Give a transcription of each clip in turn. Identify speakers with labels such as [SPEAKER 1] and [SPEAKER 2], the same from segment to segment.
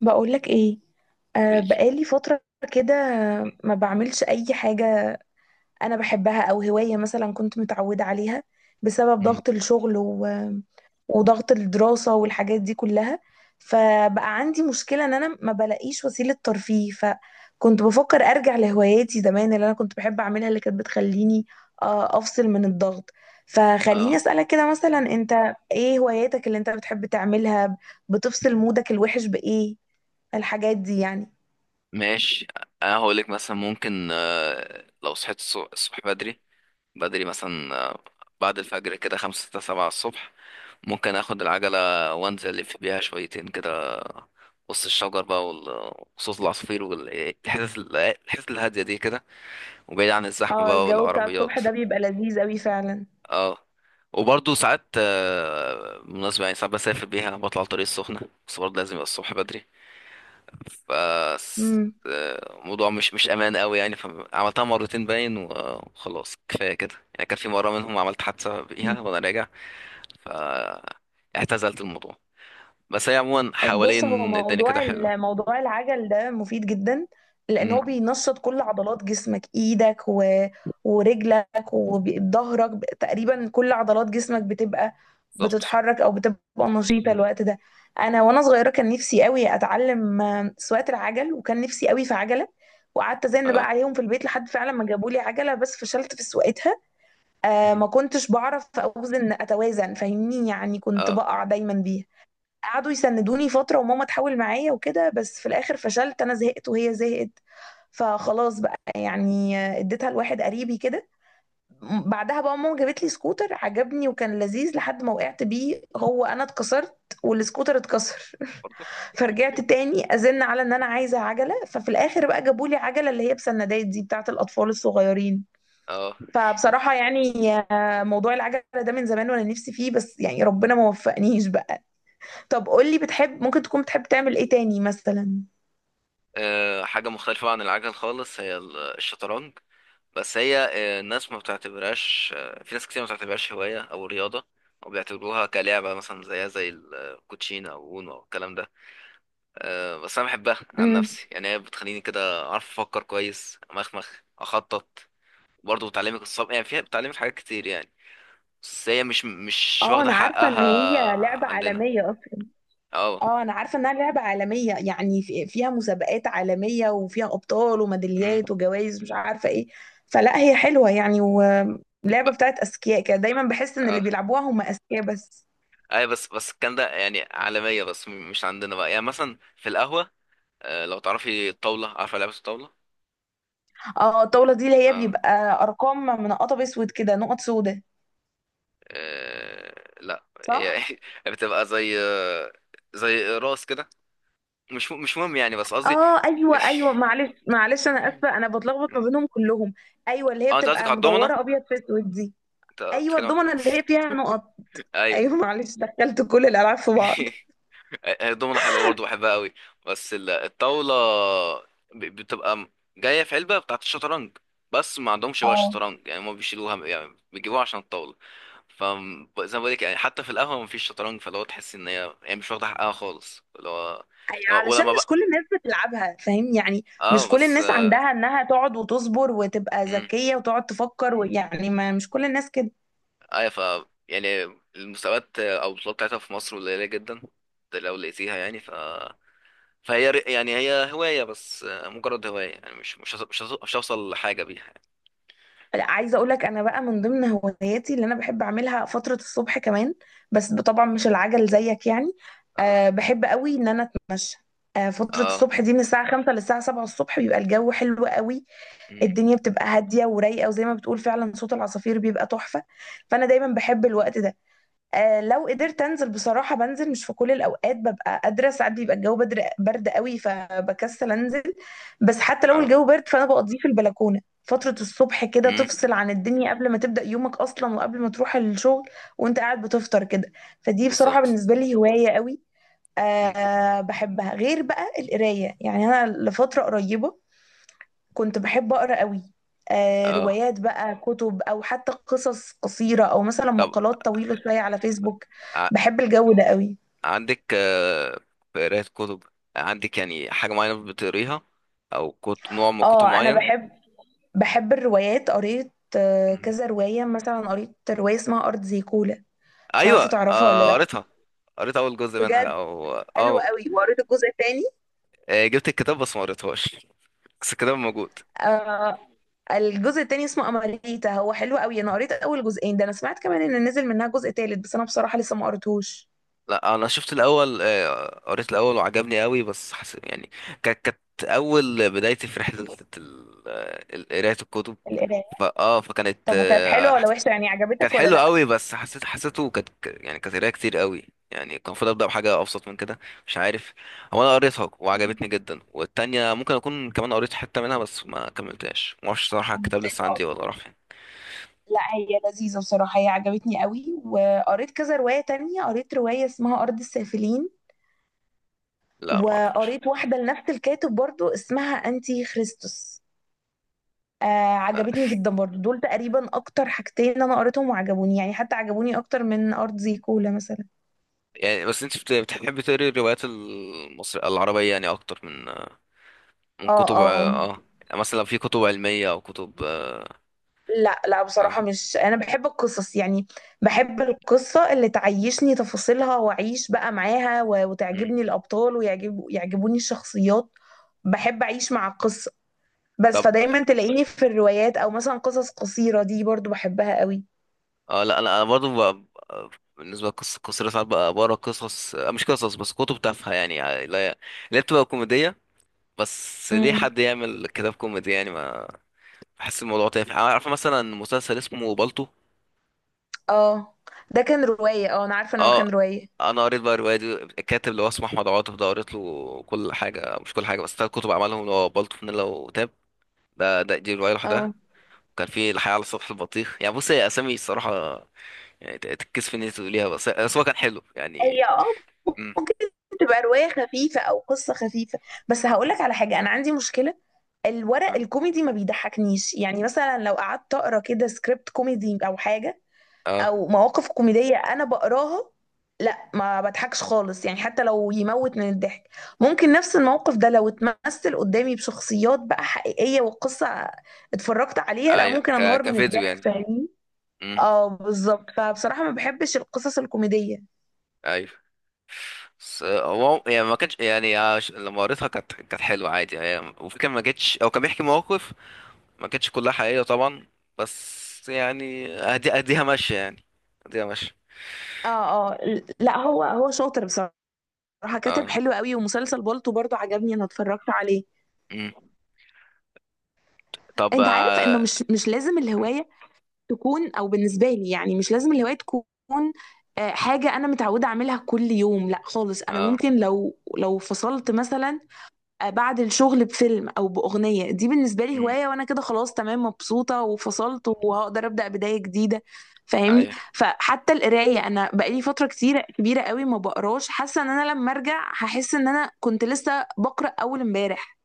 [SPEAKER 1] بقولك ايه؟ آه،
[SPEAKER 2] بالليل.
[SPEAKER 1] بقالي فترة كده. ما بعملش اي حاجة انا بحبها او هواية مثلا كنت متعودة عليها بسبب
[SPEAKER 2] مم.
[SPEAKER 1] ضغط الشغل و... وضغط الدراسة والحاجات دي كلها. فبقى عندي مشكلة ان انا ما بلاقيش وسيلة ترفيه، فكنت بفكر ارجع لهواياتي زمان اللي انا كنت بحب اعملها، اللي كانت بتخليني افصل من الضغط. فخليني
[SPEAKER 2] اه،
[SPEAKER 1] اسألك كده، مثلا انت ايه هواياتك اللي انت بتحب تعملها؟ بتفصل مودك الوحش بايه؟ الحاجات دي يعني.
[SPEAKER 2] ماشي. انا هقولك مثلا، ممكن لو صحيت الصبح بدري. بدري مثلا، بعد الفجر كده، 5 6 7 الصبح، ممكن اخد العجلة وانزل الف بيها شويتين كده وسط الشجر بقى وصوت العصافير والحتت الهادية دي كده، وبعيد عن الزحمة
[SPEAKER 1] اه،
[SPEAKER 2] بقى
[SPEAKER 1] الجو بتاع
[SPEAKER 2] والعربيات.
[SPEAKER 1] الصبح ده بيبقى لذيذ قوي فعلا.
[SPEAKER 2] اه. وبرضه ساعات، بالمناسبة يعني، ساعات بسافر بيها بطلع على الطريق السخنة، بس برضه لازم يبقى الصبح بدري. ف
[SPEAKER 1] امم.
[SPEAKER 2] الموضوع مش امان قوي يعني، فعملتها مرتين باين وخلاص، كفايه كده يعني. كان في مره منهم عملت حادثه بيها وانا راجع، ف اعتزلت الموضوع. بس هي عموما
[SPEAKER 1] بص، هو
[SPEAKER 2] حوالين الدنيا كده
[SPEAKER 1] موضوع
[SPEAKER 2] حلوه.
[SPEAKER 1] موضوع العجل ده مفيد جدا، لان
[SPEAKER 2] أمم،
[SPEAKER 1] هو بينشط كل عضلات جسمك، ايدك و... ورجلك وظهرك، تقريبا كل عضلات جسمك بتبقى
[SPEAKER 2] بالظبط.
[SPEAKER 1] بتتحرك او بتبقى نشيطه
[SPEAKER 2] أمم،
[SPEAKER 1] الوقت ده. انا وانا صغيره كان نفسي قوي اتعلم سواقه العجل، وكان نفسي قوي في عجله، وقعدت ازن بقى
[SPEAKER 2] اه.
[SPEAKER 1] عليهم في البيت لحد فعلا ما جابوا لي عجله، بس فشلت في سواقتها.
[SPEAKER 2] أمم،
[SPEAKER 1] ما كنتش بعرف اتوازن، فاهمني؟ يعني كنت
[SPEAKER 2] اه.
[SPEAKER 1] بقع دايما بيها. قعدوا يسندوني فترة وماما تحاول معايا وكده، بس في الاخر فشلت، انا زهقت وهي زهقت، فخلاص بقى يعني اديتها لواحد قريبي كده. بعدها بقى ماما جابت لي سكوتر عجبني وكان لذيذ، لحد ما وقعت بيه، هو انا اتكسرت والسكوتر اتكسر.
[SPEAKER 2] برضه.
[SPEAKER 1] فرجعت تاني ازن على ان انا عايزه عجله، ففي الاخر بقى جابوا لي عجله اللي هي بسندات دي بتاعه الاطفال الصغيرين.
[SPEAKER 2] اه.
[SPEAKER 1] فبصراحة يعني موضوع العجلة ده من زمان وانا نفسي فيه، بس يعني ربنا ما وفقنيش بقى. طب قولي، بتحب ممكن تكون بتحب تعمل ايه تاني مثلا؟
[SPEAKER 2] حاجه مختلفه عن العجل خالص، هي الشطرنج. بس هي، الناس ما بتعتبرهاش، في ناس كتير ما بتعتبرهاش هواية أو رياضة، أو بيعتبروها كلعبة مثلا، زيها زي الكوتشينة أو أونو أو الكلام ده. بس أنا بحبها عن
[SPEAKER 1] امم.
[SPEAKER 2] نفسي، يعني هي بتخليني كده أعرف أفكر كويس، أمخمخ، أخطط. برضه بتعلمك الصبر، يعني فيها بتعلمك حاجات كتير يعني. بس هي مش
[SPEAKER 1] اه،
[SPEAKER 2] واخدة
[SPEAKER 1] انا عارفه ان
[SPEAKER 2] حقها
[SPEAKER 1] هي لعبه
[SPEAKER 2] عندنا.
[SPEAKER 1] عالميه اصلا.
[SPEAKER 2] اه.
[SPEAKER 1] اه، انا عارفة انها لعبة عالمية، يعني فيها مسابقات عالمية وفيها ابطال
[SPEAKER 2] مم.
[SPEAKER 1] وميداليات وجوائز مش عارفة ايه. فلا، هي حلوة يعني،
[SPEAKER 2] ب-
[SPEAKER 1] ولعبة بتاعت اذكياء كده، دايما بحس ان اللي
[SPEAKER 2] اه،
[SPEAKER 1] بيلعبوها هم اذكياء بس.
[SPEAKER 2] اي، بس الكلام ده يعني، عالمية بس مش عندنا بقى، يعني مثلا في القهوة. لو تعرفي الطاولة، عارفة لعبة الطاولة؟
[SPEAKER 1] اه، الطاولة دي اللي هي
[SPEAKER 2] اه.
[SPEAKER 1] بيبقى ارقام من قطب اسود كده، نقط سودة،
[SPEAKER 2] آه، لا، هي
[SPEAKER 1] صح؟
[SPEAKER 2] بتبقى زي راس كده. مش مهم يعني، بس قصدي
[SPEAKER 1] اه، ايوه ايوه، معلش معلش، انا اسفه، انا بتلخبط ما بينهم كلهم. ايوه اللي هي
[SPEAKER 2] اه، انت قصدك
[SPEAKER 1] بتبقى
[SPEAKER 2] على الضمنه
[SPEAKER 1] مدوره ابيض في اسود دي.
[SPEAKER 2] انت
[SPEAKER 1] ايوه،
[SPEAKER 2] بتتكلم.
[SPEAKER 1] الضمنه اللي هي فيها نقط.
[SPEAKER 2] ايوه.
[SPEAKER 1] ايوه، معلش، دخلت كل الالعاب في بعض.
[SPEAKER 2] الضمنه حلوه برضه، بحبها قوي. بس الطاوله بتبقى جايه في علبه بتاعت الشطرنج، بس ما عندهمش بقى
[SPEAKER 1] اه،
[SPEAKER 2] شطرنج يعني، هم بيشيلوها يعني، بيجيبوها عشان الطاوله. فزي ما بقولك يعني، حتى في القهوه ما فيش شطرنج، فاللي هو تحس ان هي يعني مش واخده حقها خالص، اللي هو،
[SPEAKER 1] أيوة، علشان
[SPEAKER 2] ولما
[SPEAKER 1] مش
[SPEAKER 2] بقى،
[SPEAKER 1] كل الناس بتلعبها، فاهم يعني؟
[SPEAKER 2] اه
[SPEAKER 1] مش كل
[SPEAKER 2] بس،
[SPEAKER 1] الناس عندها انها تقعد وتصبر وتبقى
[SPEAKER 2] امم،
[SPEAKER 1] ذكيه وتقعد تفكر، ويعني ما مش كل الناس كده.
[SPEAKER 2] ايوه، ف يعني المستويات او البطولات بتاعتها في مصر قليله جدا، ده لو لقيتيها يعني. فهي يعني هي هوايه بس، مجرد هوايه يعني، مش هوصل لحاجه بيها يعني.
[SPEAKER 1] لا، عايزه اقول لك، انا بقى من ضمن هواياتي اللي انا بحب اعملها فتره الصبح كمان، بس طبعا مش العجل زيك يعني.
[SPEAKER 2] اه.
[SPEAKER 1] بحب قوي ان انا اتمشى. فتره
[SPEAKER 2] اه.
[SPEAKER 1] الصبح دي، من الساعه 5 للساعه 7 الصبح بيبقى الجو حلو قوي،
[SPEAKER 2] امم.
[SPEAKER 1] الدنيا بتبقى هاديه ورايقه، وزي ما بتقول فعلا صوت العصافير بيبقى تحفه. فانا دايما بحب الوقت ده. لو قدرت انزل، بصراحه بنزل. مش في كل الاوقات ببقى قادره، ساعات بيبقى الجو برد قوي فبكسل انزل، بس حتى لو
[SPEAKER 2] اه.
[SPEAKER 1] الجو برد فانا بقضيه في البلكونه فتره الصبح كده،
[SPEAKER 2] امم.
[SPEAKER 1] تفصل عن الدنيا قبل ما تبدا يومك اصلا، وقبل ما تروح الشغل، وانت قاعد بتفطر كده. فدي بصراحه
[SPEAKER 2] بالظبط.
[SPEAKER 1] بالنسبه لي هوايه قوي.
[SPEAKER 2] مم.
[SPEAKER 1] بحبها، غير بقى القرايه، يعني انا لفتره قريبه كنت بحب أقرأ قوي.
[SPEAKER 2] اه.
[SPEAKER 1] روايات بقى، كتب، أو حتى قصص قصيرة، أو مثلا
[SPEAKER 2] طب،
[SPEAKER 1] مقالات طويلة شوية على فيسبوك.
[SPEAKER 2] ع...
[SPEAKER 1] بحب الجو ده قوي.
[SPEAKER 2] عندك، في قرايه كتب؟ عندك يعني حاجه معينه بتقريها، او نوع من كتب
[SPEAKER 1] اه، أنا
[SPEAKER 2] معين؟
[SPEAKER 1] بحب بحب الروايات، قريت
[SPEAKER 2] مم.
[SPEAKER 1] كذا رواية، مثلا قريت رواية اسمها أرض زي كولا. مش عارفة
[SPEAKER 2] ايوه،
[SPEAKER 1] تعرفها ولا لأ؟
[SPEAKER 2] قريتها. قريت اول جزء منها
[SPEAKER 1] بجد
[SPEAKER 2] او
[SPEAKER 1] حلو
[SPEAKER 2] اه،
[SPEAKER 1] قوي، وقريت الجزء التاني.
[SPEAKER 2] جبت الكتاب بس ما قريتهاش، بس كده موجود.
[SPEAKER 1] آه الجزء التاني اسمه أماريتا، هو حلو قوي. أنا قريت أول جزئين ده، أنا سمعت كمان إن نزل منها جزء تالت، بس أنا بصراحة لسه ما قريتهوش.
[SPEAKER 2] لا، انا شفت الاول، قريت الاول وعجبني قوي، بس يعني كانت اول بدايتي في رحله قرايه الكتب.
[SPEAKER 1] القراية.
[SPEAKER 2] فا اه فكانت
[SPEAKER 1] طب، وكانت حلوة ولا وحشة يعني،
[SPEAKER 2] كانت
[SPEAKER 1] عجبتك
[SPEAKER 2] حلوه
[SPEAKER 1] ولا
[SPEAKER 2] قوي، بس حسيت، حسيته كانت يعني كانت قرايه كتير قوي، يعني كان المفروض ابدا بحاجه ابسط من كده. مش عارف، هو انا قريتها
[SPEAKER 1] لأ؟
[SPEAKER 2] وعجبتني جدا، والتانية ممكن اكون كمان قريت حته منها بس ما كملتهاش، ما اعرفش صراحه
[SPEAKER 1] كانت
[SPEAKER 2] الكتاب لسه
[SPEAKER 1] تقريباً،
[SPEAKER 2] عندي ولا راح فين.
[SPEAKER 1] لا هي لذيذة بصراحة، هي عجبتني قوي. وقريت كذا رواية تانية، قريت رواية اسمها أرض السافلين،
[SPEAKER 2] لا، ما اعرفش.
[SPEAKER 1] وقريت واحدة لنفس الكاتب برضو اسمها أنتي خريستوس. آه عجبتني جدا برضو. دول تقريبا أكتر حاجتين أنا قريتهم وعجبوني، يعني حتى عجبوني أكتر من أرض زي كولا مثلا.
[SPEAKER 2] يعني بس انت بتحبي تقري الروايات المصرية العربية يعني اكتر من
[SPEAKER 1] اه.
[SPEAKER 2] كتب،
[SPEAKER 1] اه.
[SPEAKER 2] اه، يعني مثلا في كتب علمية او كتب؟
[SPEAKER 1] لا لا،
[SPEAKER 2] اه.
[SPEAKER 1] بصراحة مش، أنا بحب القصص يعني. بحب القصة اللي تعيشني تفاصيلها وأعيش بقى معاها،
[SPEAKER 2] مم.
[SPEAKER 1] وتعجبني الأبطال، يعجبوني الشخصيات. بحب أعيش مع القصة. بس
[SPEAKER 2] طب
[SPEAKER 1] فدايما تلاقيني في الروايات، أو مثلا قصص قصيرة دي برضو بحبها قوي.
[SPEAKER 2] اه. لا، انا برضو بالنسبة لقصة قصيرة، ساعات بقى بقرا قصص، مش قصص بس، كتب تافهة يعني، لا اللي هي بتبقى كوميدية. بس ليه
[SPEAKER 1] امم.
[SPEAKER 2] حد يعمل كتاب كوميدي يعني؟ ما، بحس الموضوع تافه. عارفة مثلا مسلسل اسمه بالطو؟
[SPEAKER 1] اه، ده كان رواية، اه أنا عارفة إن هو كان
[SPEAKER 2] اه،
[SPEAKER 1] رواية.
[SPEAKER 2] انا قريت بقى الروايه دي. الكاتب اللي هو اسمه احمد عاطف ده، قريت له كل حاجه، مش كل حاجه بس، 3 كتب عملهم، اللي هو بالطو، فانيلا، وتاب. ده, ده دي روايه
[SPEAKER 1] اه.
[SPEAKER 2] لوحدها. كان في الحياه على سطح البطيخ. يعني بص، هي اسامي الصراحه يعني تتكسف ان انت تقوليها، بس هو كان حلو
[SPEAKER 1] هي
[SPEAKER 2] يعني. امم.
[SPEAKER 1] تبقى رواية خفيفة أو قصة خفيفة. بس هقولك على حاجة، أنا عندي مشكلة، الورق
[SPEAKER 2] اه.
[SPEAKER 1] الكوميدي ما بيضحكنيش، يعني مثلا لو قعدت أقرأ كده سكريبت كوميدي أو حاجة،
[SPEAKER 2] آه،
[SPEAKER 1] أو مواقف كوميدية أنا بقراها، لا ما بضحكش خالص، يعني حتى لو يموت من الضحك. ممكن نفس الموقف ده لو اتمثل قدامي بشخصيات بقى حقيقية وقصة اتفرجت عليها، لا
[SPEAKER 2] ايوه،
[SPEAKER 1] ممكن أنهار من
[SPEAKER 2] كفيديو
[SPEAKER 1] الضحك،
[SPEAKER 2] يعني.
[SPEAKER 1] فاهمين؟
[SPEAKER 2] امم.
[SPEAKER 1] اه بالظبط، فبصراحة ما بحبش القصص الكوميدية.
[SPEAKER 2] ايوه. بس، هو يعني ما كانش يعني لما قريتها كانت حلوه عادي يعني، وفي كان ما جتش، او كان بيحكي مواقف ما كانتش كلها حقيقية طبعا. بس يعني، اديها ماشية يعني، اديها ماشية.
[SPEAKER 1] اه. اه، لا هو، شاطر بصراحة، راح كاتب
[SPEAKER 2] اه.
[SPEAKER 1] حلو قوي، ومسلسل بالطو برضو عجبني، انا اتفرجت عليه.
[SPEAKER 2] مم. طب
[SPEAKER 1] انت عارف انه
[SPEAKER 2] اه.
[SPEAKER 1] مش مش لازم الهوايه تكون، او بالنسبه لي يعني مش لازم الهوايه تكون حاجه انا متعوده اعملها كل يوم، لا خالص. انا
[SPEAKER 2] آه.
[SPEAKER 1] ممكن لو فصلت مثلا بعد الشغل بفيلم او باغنيه، دي بالنسبه لي
[SPEAKER 2] مم.
[SPEAKER 1] هوايه، وانا كده خلاص تمام مبسوطه وفصلت، وهقدر ابدا بدايه جديده. فاهمني؟
[SPEAKER 2] ايوه.
[SPEAKER 1] فحتى القرايه، انا بقالي فتره كتيره كبيره قوي ما بقراش، حاسه ان انا لما ارجع هحس ان انا كنت لسه بقرا اول امبارح.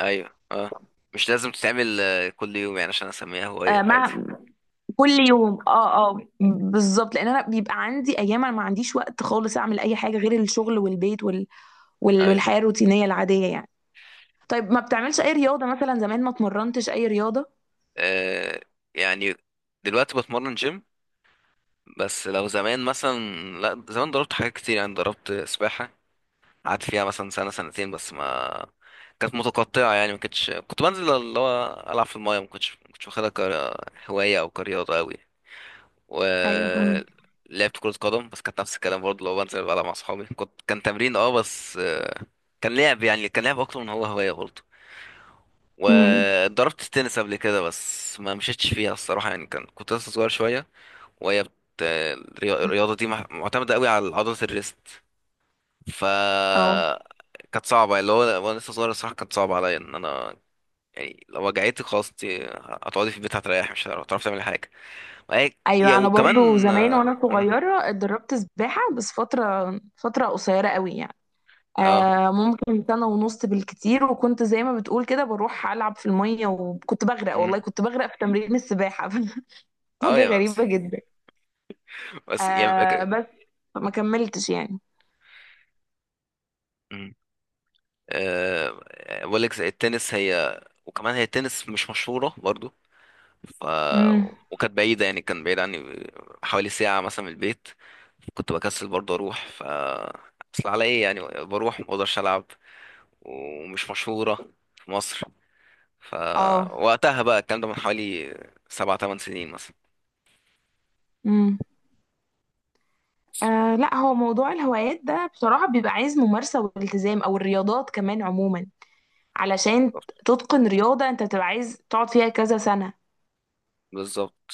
[SPEAKER 2] ايوه. اه، مش لازم تتعمل كل يوم يعني عشان اسميها هواية، عادي.
[SPEAKER 1] مع كل يوم، اه اه، بالظبط، لان انا بيبقى عندي ايام انا ما عنديش وقت خالص اعمل اي حاجه غير الشغل والبيت وال... وال...
[SPEAKER 2] ايوه.
[SPEAKER 1] والحياه الروتينيه العاديه يعني. طيب، ما بتعملش اي رياضه مثلا؟ زمان ما اتمرنتش اي رياضه؟
[SPEAKER 2] آه. يعني دلوقتي بتمرن جيم، بس لو زمان مثلا، لا، زمان ضربت حاجات كتير يعني. ضربت سباحة، قعدت فيها مثلا سنة سنتين بس ما كانت متقطعة يعني، ما كنتش، كنت بنزل اللي هو ألعب في الماية، ما كنتش واخدها كهواية أو كرياضة أوي. و
[SPEAKER 1] ايوه، فاهمك.
[SPEAKER 2] لعبت كرة قدم، بس كانت نفس الكلام برضه، لو بنزل بلعب مع أصحابي كنت، كان تمرين اه، بس، كان لعب يعني، كان لعب أكتر من هو هواية برضه.
[SPEAKER 1] امم.
[SPEAKER 2] وضربت التنس قبل كده، بس ما مشيتش فيها الصراحة يعني، كان كنت لسه صغير شوية. وهي بت... الرياضة دي معتمدة أوي على عضلة الريست. ف
[SPEAKER 1] اه.
[SPEAKER 2] كانت صعبة اللي هو، وانا لسه صغير الصراحة كانت صعبة عليا ان انا، يعني لو وجعتك خلاص، انت هتقعدي في البيت هتريحي، مش هتعرفي تعملي حاجة. وهي- يا
[SPEAKER 1] ايوه، انا برضو
[SPEAKER 2] وكمان
[SPEAKER 1] زمان
[SPEAKER 2] اه.
[SPEAKER 1] وانا صغيره اتدربت سباحه، بس فتره قصيره قوي يعني.
[SPEAKER 2] اه.
[SPEAKER 1] ممكن سنة ونص بالكتير، وكنت زي ما بتقول كده بروح ألعب في المية، وكنت بغرق
[SPEAKER 2] مم.
[SPEAKER 1] والله، كنت بغرق في تمرين السباحة.
[SPEAKER 2] آه،
[SPEAKER 1] حاجة
[SPEAKER 2] يا بس
[SPEAKER 1] غريبة جدا.
[SPEAKER 2] بس يعني
[SPEAKER 1] بس ما كملتش يعني.
[SPEAKER 2] مم. آه، بقول لك التنس هي، وكمان هي، التنس مش مشهورة برضو، ف
[SPEAKER 1] امم.
[SPEAKER 2] وكانت بعيدة يعني، كان بعيد عني حوالي ساعة مثلا من البيت، كنت بكسل برضه اروح. ف اصل على ايه يعني، بروح ما اقدرش العب، ومش مشهورة في مصر.
[SPEAKER 1] اه.
[SPEAKER 2] فوقتها بقى الكلام ده من حوالي 7 8 سنين مثلا.
[SPEAKER 1] امم. لا، هو موضوع الهوايات ده بصراحة بيبقى عايز ممارسة والتزام، او الرياضات كمان عموما، علشان تتقن رياضة انت بتبقى عايز تقعد فيها كذا سنة.
[SPEAKER 2] بالظبط.